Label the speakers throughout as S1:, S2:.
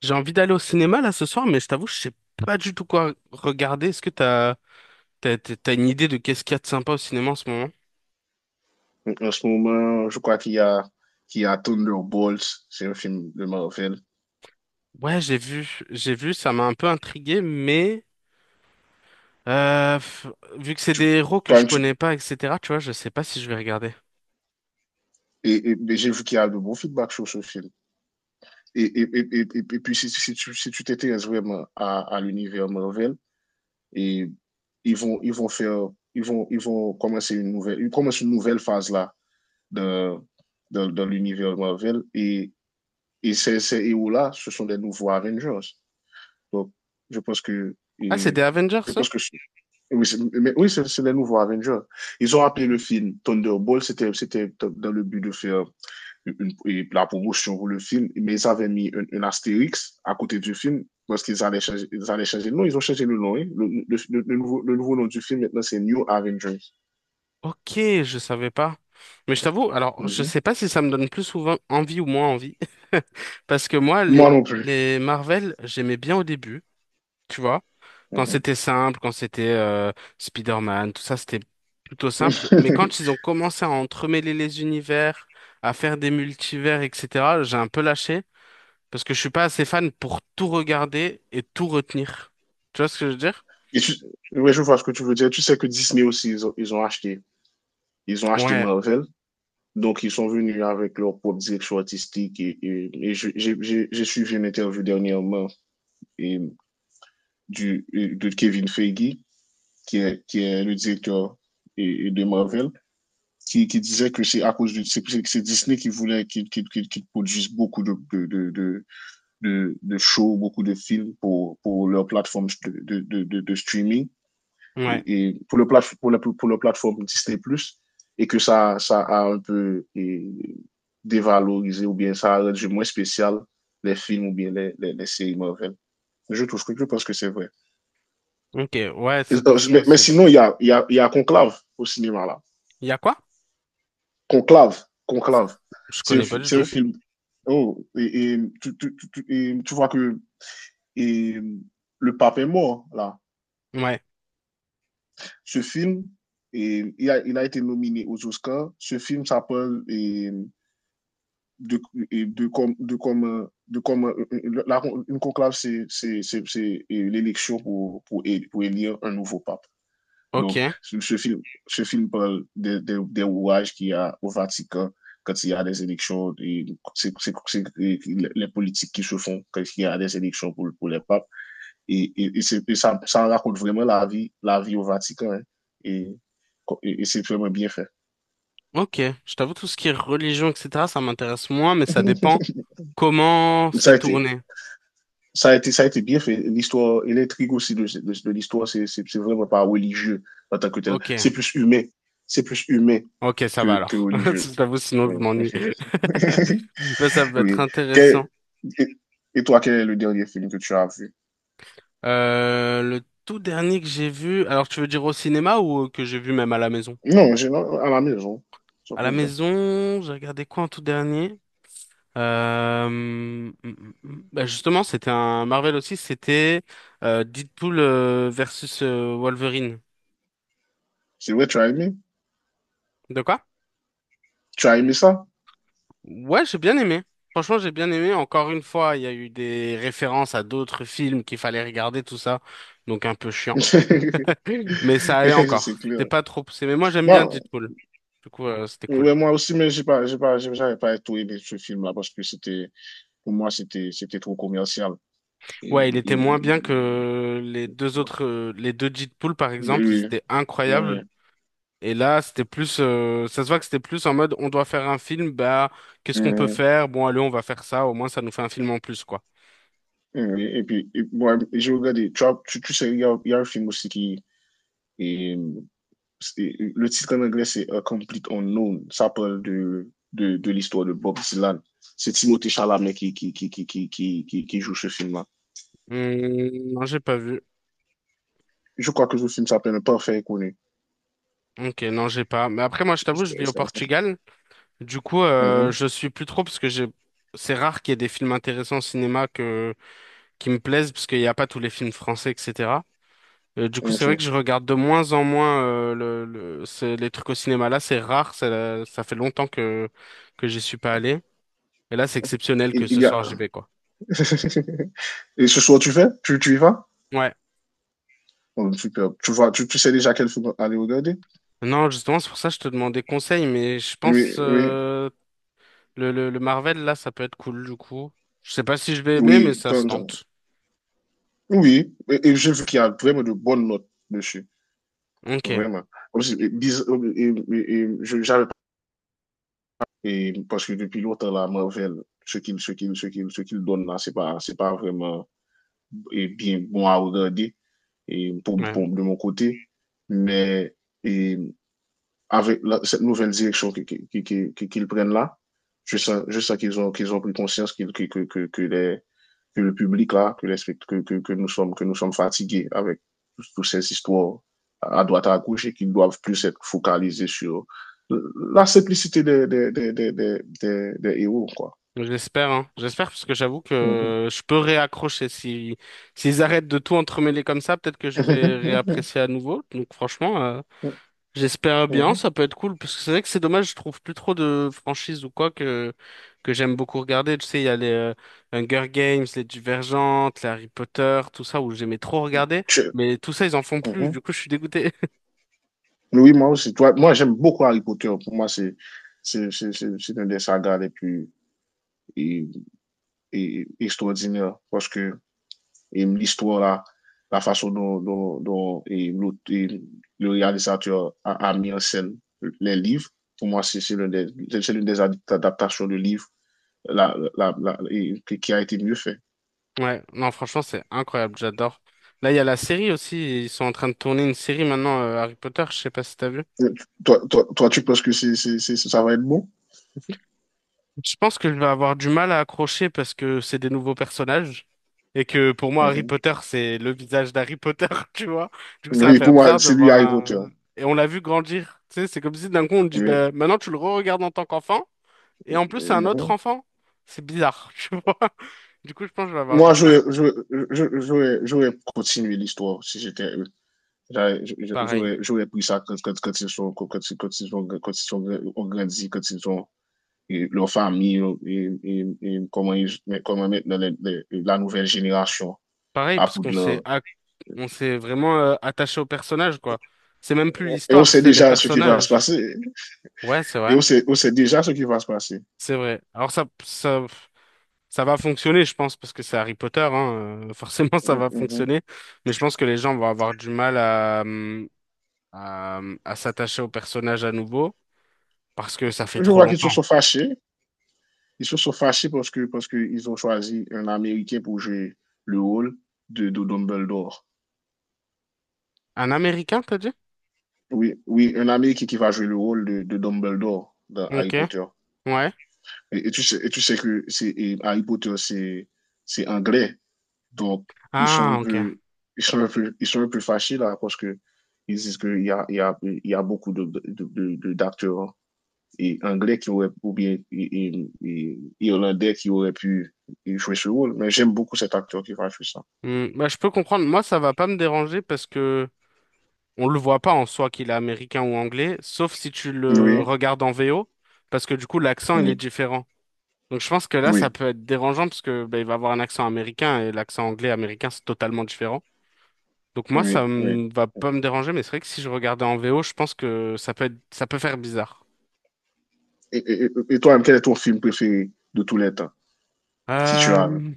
S1: J'ai envie d'aller au cinéma là ce soir, mais je t'avoue, je sais pas du tout quoi regarder. Est-ce que t'as une idée de qu'est-ce qu'il y a de sympa au cinéma en ce moment?
S2: En ce moment, je crois qu'il y a Thunderbolts, c'est un film de Marvel.
S1: Ouais, j'ai vu, ça m'a un peu intrigué, mais euh, pff, vu que c'est
S2: Tu-
S1: des héros que je
S2: toi, tu-
S1: connais pas, etc., tu vois, je sais pas si je vais regarder.
S2: et- mais j'ai vu qu'il y a de bons feedbacks sur ce film. Et puis, si tu t'intéresses vraiment à l'univers Marvel, et ils vont, ils vont faire, ils commencent une nouvelle phase là de, de l'univers Marvel. Et ces héros-là, ce sont des nouveaux Avengers. Donc, je pense que,
S1: Ah, c'est
S2: et,
S1: des Avengers,
S2: je
S1: ça?
S2: pense que Oui, c'est mais oui, c'est les nouveaux Avengers. Ils ont appelé le
S1: Ok,
S2: film Thunderbolt, c'était dans le but de faire la promotion pour le film, mais ils avaient mis un astérix à côté du film parce qu'ils allaient changer le nom, ils ont changé le nom. Hein. Le nouveau nom du film maintenant, c'est New Avengers.
S1: Ok, je savais pas. Mais je t'avoue, alors, je
S2: Mhm.
S1: sais pas si ça me donne plus souvent envie ou moins envie, parce que
S2: Moi non plus.
S1: les Marvel, j'aimais bien au début. Tu vois. Quand
S2: Mhm.
S1: c'était simple, quand c'était Spider-Man, tout ça, c'était plutôt simple. Mais quand ils ont commencé à entremêler les univers, à faire des multivers, etc., j'ai un peu lâché parce que je suis pas assez fan pour tout regarder et tout retenir. Tu vois ce que je veux dire?
S2: Et tu- ouais, je vois ce que tu veux dire. Tu sais que Disney aussi, ils ont acheté
S1: Ouais,
S2: Marvel. Donc, ils sont venus avec leur propre direction artistique. J'ai suivi une interview dernièrement et de Kevin Feige, qui est le directeur de Marvel, qui disait que c'est à cause de c'est Disney qui voulait qui produise beaucoup de shows, beaucoup de films pour leur plateforme de streaming
S1: ouais,
S2: et pour, le plate, pour, la, pour leur plateforme Disney Plus et que ça a un peu dévalorisé ou bien ça a rendu moins spécial les films ou bien les séries Marvel. Je pense que c'est vrai.
S1: ok, ouais,
S2: Mais,
S1: c'est
S2: mais
S1: possible.
S2: sinon, il y a, il y, a, il y a Conclave au cinéma, là.
S1: Il y a quoi?
S2: Conclave, Conclave.
S1: Je
S2: C'est un,
S1: connais pas du
S2: c'est un
S1: tout.
S2: film. Oh, tu vois que et, le pape est mort, là.
S1: Ouais,
S2: Ce film, et, il, a, Il a été nominé aux Oscars. Ce film s'appelle de, et de comme, de comme, euh, de comme euh, euh, la- une conclave, c'est l'élection pour élire un nouveau pape.
S1: ok,
S2: Donc, ce film parle des de rouages qu'il y a au Vatican quand il y a des élections, et c'est les politiques qui se font quand il y a des élections pour les papes. Et ça raconte vraiment la vie au Vatican. Hein. Et, et c'est vraiment bien fait.
S1: ok. Je t'avoue, tout ce qui est religion, etc., ça m'intéresse moins, mais ça dépend comment
S2: ça,
S1: c'est
S2: a été,
S1: tourné.
S2: ça, a été, ça a été bien fait. L'histoire et l'intrigue aussi de l'histoire, c'est vraiment pas religieux en tant que tel.
S1: Ok.
S2: C'est plus humain. C'est plus humain
S1: Ok, ça va
S2: que
S1: alors.
S2: religieux.
S1: Je t'avoue, sinon je
S2: Ouais.
S1: m'ennuie. Ben, ça peut être
S2: Oui.
S1: intéressant.
S2: Quel- et, et toi, quel est le dernier film que tu as vu?
S1: Le tout dernier que j'ai vu, alors tu veux dire au cinéma ou que j'ai vu même à la maison?
S2: Non, à la maison, sans
S1: À la
S2: problème.
S1: maison, j'ai regardé quoi en tout dernier? Ben, justement, c'était un Marvel aussi, c'était Deadpool versus Wolverine.
S2: C'est vrai, tu as aimé?
S1: De quoi?
S2: Tu as aimé ça?
S1: Ouais, j'ai bien aimé. Franchement, j'ai bien aimé. Encore une fois, il y a eu des références à d'autres films qu'il fallait regarder, tout ça. Donc un peu chiant. Mais ça allait
S2: C'est
S1: encore.
S2: clair.
S1: C'était pas trop poussé. Mais moi, j'aime bien
S2: Moi,
S1: Deadpool. Du coup, c'était cool.
S2: ouais, moi aussi, mais j'avais pas tout aimé ce film-là parce que c'était, pour moi, c'était, c'était trop commercial. Et-
S1: Ouais, il était moins bien
S2: et-
S1: que les
S2: oui,
S1: deux autres, les deux Deadpool, par exemple. Ils étaient
S2: oui,
S1: incroyables. Et là, c'était plus, ça se voit que c'était plus en mode, on doit faire un film, bah, qu'est-ce qu'on peut
S2: oui,
S1: faire? Bon, allez, on va faire ça. Au moins, ça nous fait un film en plus, quoi.
S2: oui. Et puis, moi, j'ai regardé, tu sais, il y a un film aussi qui, le titre en anglais, c'est A Complete Unknown. Ça parle de l'histoire de Bob Dylan. C'est Timothée Chalamet qui joue ce film-là.
S1: Non, j'ai pas vu.
S2: Je crois que ce film s'appelle Parfait Connu.
S1: Ok, non, j'ai pas. Mais après, moi, je t'avoue, je vis au Portugal. Du coup,
S2: Mhm.
S1: je suis plus trop parce que j'ai. C'est rare qu'il y ait des films intéressants au cinéma que qui me plaisent parce qu'il n'y a pas tous les films français, etc. Du coup, c'est
S2: Ok.
S1: vrai que je regarde de moins en moins les trucs au cinéma. Là, c'est rare. Ça fait longtemps que j'y suis pas allé. Et là, c'est exceptionnel
S2: Il,
S1: que ce
S2: il y a...
S1: soir j'y vais, quoi.
S2: Et ce soir, tu y vas?
S1: Ouais.
S2: Oh, super. Tu vois, tu sais déjà quel film aller regarder?
S1: Non, justement, c'est pour ça que je te demandais conseil, mais je
S2: Oui,
S1: pense
S2: oui,
S1: le Marvel là, ça peut être cool du coup. Je sais pas si je vais aimer, mais
S2: oui.
S1: ça se tente.
S2: Oui, et j'ai vu qu'il y a vraiment de bonnes notes dessus.
S1: Ok.
S2: Vraiment. Comme si- et- et- et- je- J'avais Et parce que depuis longtemps, la Marvel, ce qu'il donne là, c'est pas vraiment bien bon à regarder
S1: Ouais,
S2: de mon côté. Mais et avec cette nouvelle direction qu'ils qui prennent là, je sais qu'ils ont pris conscience qu que, les, que le public là, que, les, que nous sommes fatigués avec toutes ces histoires à droite à gauche et qu'ils doivent plus être focalisés sur la simplicité des héros, quoi.
S1: j'espère, hein. J'espère parce que j'avoue
S2: Mm -hmm.
S1: que je peux réaccrocher. Si S'ils arrêtent de tout entremêler comme ça, peut-être que je vais réapprécier à nouveau. Donc franchement, j'espère bien,
S2: Mm
S1: ça peut être cool parce que c'est vrai que c'est dommage, je trouve plus trop de franchises ou quoi que j'aime beaucoup regarder. Tu sais, il y a les Hunger Games, les Divergentes, les Harry Potter, tout ça où j'aimais trop regarder, mais tout ça ils en font plus.
S2: -hmm.
S1: Du coup, je suis dégoûté.
S2: Oui, moi aussi. Toi, moi, j'aime beaucoup Harry Potter. Pour moi, c'est un des sagas les plus et extraordinaire parce que l'histoire là, la façon dont le réalisateur a mis en scène les livres, pour moi, c'est l'une des adaptations de livres qui a été mieux fait.
S1: Ouais, non, franchement, c'est incroyable, j'adore. Là, il y a la série aussi, ils sont en train de tourner une série maintenant, Harry Potter, je sais pas si t'as vu.
S2: Toi, tu penses que ça va être bon?
S1: Je pense que je vais avoir du mal à accrocher parce que c'est des nouveaux personnages et que pour moi, Harry
S2: Mhm.
S1: Potter, c'est le visage d'Harry Potter, tu vois. Du coup, ça va
S2: Oui, pour
S1: faire
S2: moi,
S1: bizarre de
S2: c'est lui
S1: voir
S2: Harry Potter.
S1: un... Et on l'a vu grandir, tu sais, c'est comme si d'un coup, on te dit,
S2: Oui.
S1: bah, maintenant, tu le re-regardes en tant qu'enfant et en plus, c'est un autre
S2: Mhm.
S1: enfant. C'est bizarre, tu vois. Du coup, je pense que je vais avoir du
S2: Moi,
S1: mal,
S2: j'aurais continué l'histoire si j'étais eux.
S1: pareil.
S2: J'aurais pris ça quand, quand, quand, ils sont, quand, quand, quand ils ont, quand ils sont grandi, quand ils ont leur famille et comment maintenant la nouvelle génération
S1: Pareil,
S2: à
S1: parce qu'
S2: Poudlard.
S1: on s'est vraiment attaché aux personnages, quoi. C'est même plus
S2: Et on
S1: l'histoire,
S2: sait
S1: c'est les
S2: déjà ce qui va se
S1: personnages.
S2: passer.
S1: Ouais,
S2: Et on sait déjà ce qui va se passer.
S1: c'est vrai. Ça va fonctionner, je pense, parce que c'est Harry Potter, hein, forcément, ça
S2: Mm
S1: va
S2: -hmm.
S1: fonctionner. Mais je pense que les gens vont avoir du mal à s'attacher aux personnages à nouveau, parce que ça fait
S2: Je
S1: trop
S2: vois qu'ils se
S1: longtemps.
S2: sont fâchés. Ils se sont fâchés parce qu'ils ont choisi un Américain pour jouer le rôle de Dumbledore.
S1: Un Américain, t'as dit?
S2: Oui, oui, un Américain qui va jouer le rôle de Dumbledore dans Harry
S1: Ok,
S2: Potter.
S1: ouais.
S2: Et tu sais que c'est, et Harry Potter, c'est anglais. Donc, ils sont
S1: Ah,
S2: un
S1: ok.
S2: peu, ils sont un peu fâchés là parce que ils disent qu'il y a, il y a, il y a beaucoup d'acteurs hein, anglais ou bien irlandais qui auraient pu jouer ce rôle. Mais j'aime beaucoup cet acteur qui va jouer ça.
S1: Bah, je peux comprendre. Moi, ça va pas me déranger parce que on le voit pas en soi qu'il est américain ou anglais, sauf si tu le
S2: Oui,
S1: regardes en VO, parce que du coup l'accent il est
S2: oui,
S1: différent. Donc je pense que là ça
S2: oui,
S1: peut être dérangeant parce que bah il va avoir un accent américain et l'accent anglais américain c'est totalement différent. Donc moi ça
S2: oui, oui.
S1: me va pas me déranger, mais c'est vrai que si je regardais en VO, je pense que ça peut être, ça peut faire bizarre.
S2: Et toi, quel est ton film préféré de tous les temps, si tu as un?
S1: Euh,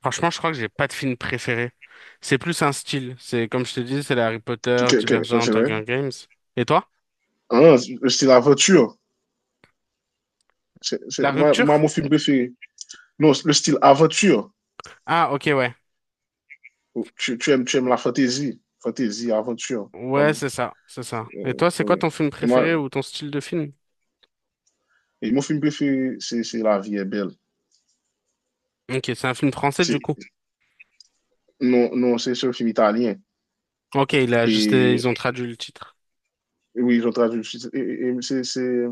S1: Franchement, je crois que j'ai pas de film préféré. C'est plus un style. C'est comme je te dis, c'est les Harry Potter, Divergent,
S2: C'est vrai?
S1: Hunger Games. Et toi?
S2: Ah, c'est l'aventure. C'est- c'est-
S1: La
S2: moi, moi,
S1: rupture?
S2: mon film préféré. Non, le style aventure.
S1: Ah ok ouais.
S2: Tu aimes la fantaisie. Fantaisie, aventure.
S1: Ouais, c'est ça. Et toi, c'est quoi
S2: Oui.
S1: ton film
S2: Moi,
S1: préféré ou ton style de film?
S2: mon film préféré, c'est La vie est belle.
S1: Ok, c'est un film français du
S2: C'est-
S1: coup.
S2: Non, non, c'est un film italien.
S1: Ok, il a juste,
S2: Et
S1: ils ont traduit le titre.
S2: oui, j'ai traduit. C'est c'est-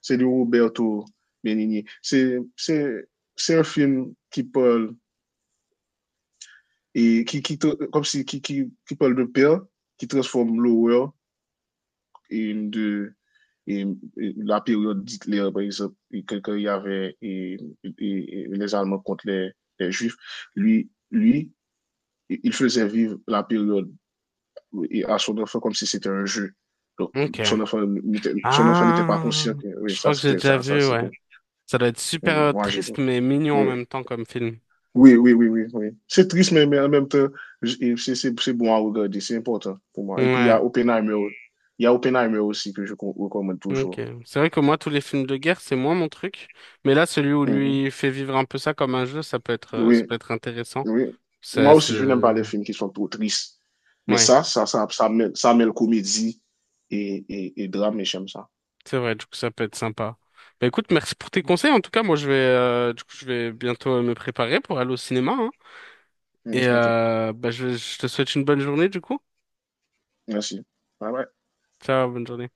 S2: c'est de Roberto Benigni. C'est un film qui parle, et qui, comme si, qui parle de père, qui transforme l'horreur de la période d'Hitler, par exemple, quand il y avait les Allemands contre les Juifs, lui, il faisait vivre la période à son enfant comme si c'était un jeu. Donc,
S1: Ok.
S2: son enfant, son enfant n'était pas
S1: Ah,
S2: conscient que oui,
S1: je
S2: ça,
S1: crois que j'ai
S2: c'était
S1: déjà
S2: ça, ça,
S1: vu,
S2: c'est
S1: ouais.
S2: bon.
S1: Ça doit être super
S2: Hum. Moi, j'ai
S1: triste mais mignon en
S2: Oui.
S1: même temps comme film.
S2: Oui, oui, oui, oui, oui. C'est triste, mais en même temps, c'est bon à regarder, c'est important pour moi. Et puis, il y a
S1: Ouais,
S2: Oppenheimer, il y a Oppenheimer aussi que je recommande
S1: ok.
S2: toujours.
S1: C'est vrai que moi, tous les films de guerre, c'est moins mon truc. Mais là, celui où
S2: Mm -hmm.
S1: lui fait vivre un peu ça comme un jeu, ça
S2: Oui,
S1: peut être intéressant.
S2: oui. Moi
S1: Ça, c'est...
S2: aussi, je n'aime pas les films qui sont trop tristes. Mais
S1: Ouais.
S2: ça mêle comédie et drame, et j'aime ça.
S1: C'est vrai, du coup, ça peut être sympa. Bah écoute, merci pour tes conseils. En tout cas, moi, je vais, du coup, je vais bientôt me préparer pour aller au cinéma, hein.
S2: Mm,
S1: Et
S2: ok,
S1: bah, je te souhaite une bonne journée, du coup.
S2: merci. Bye bye.
S1: Ciao, bonne journée.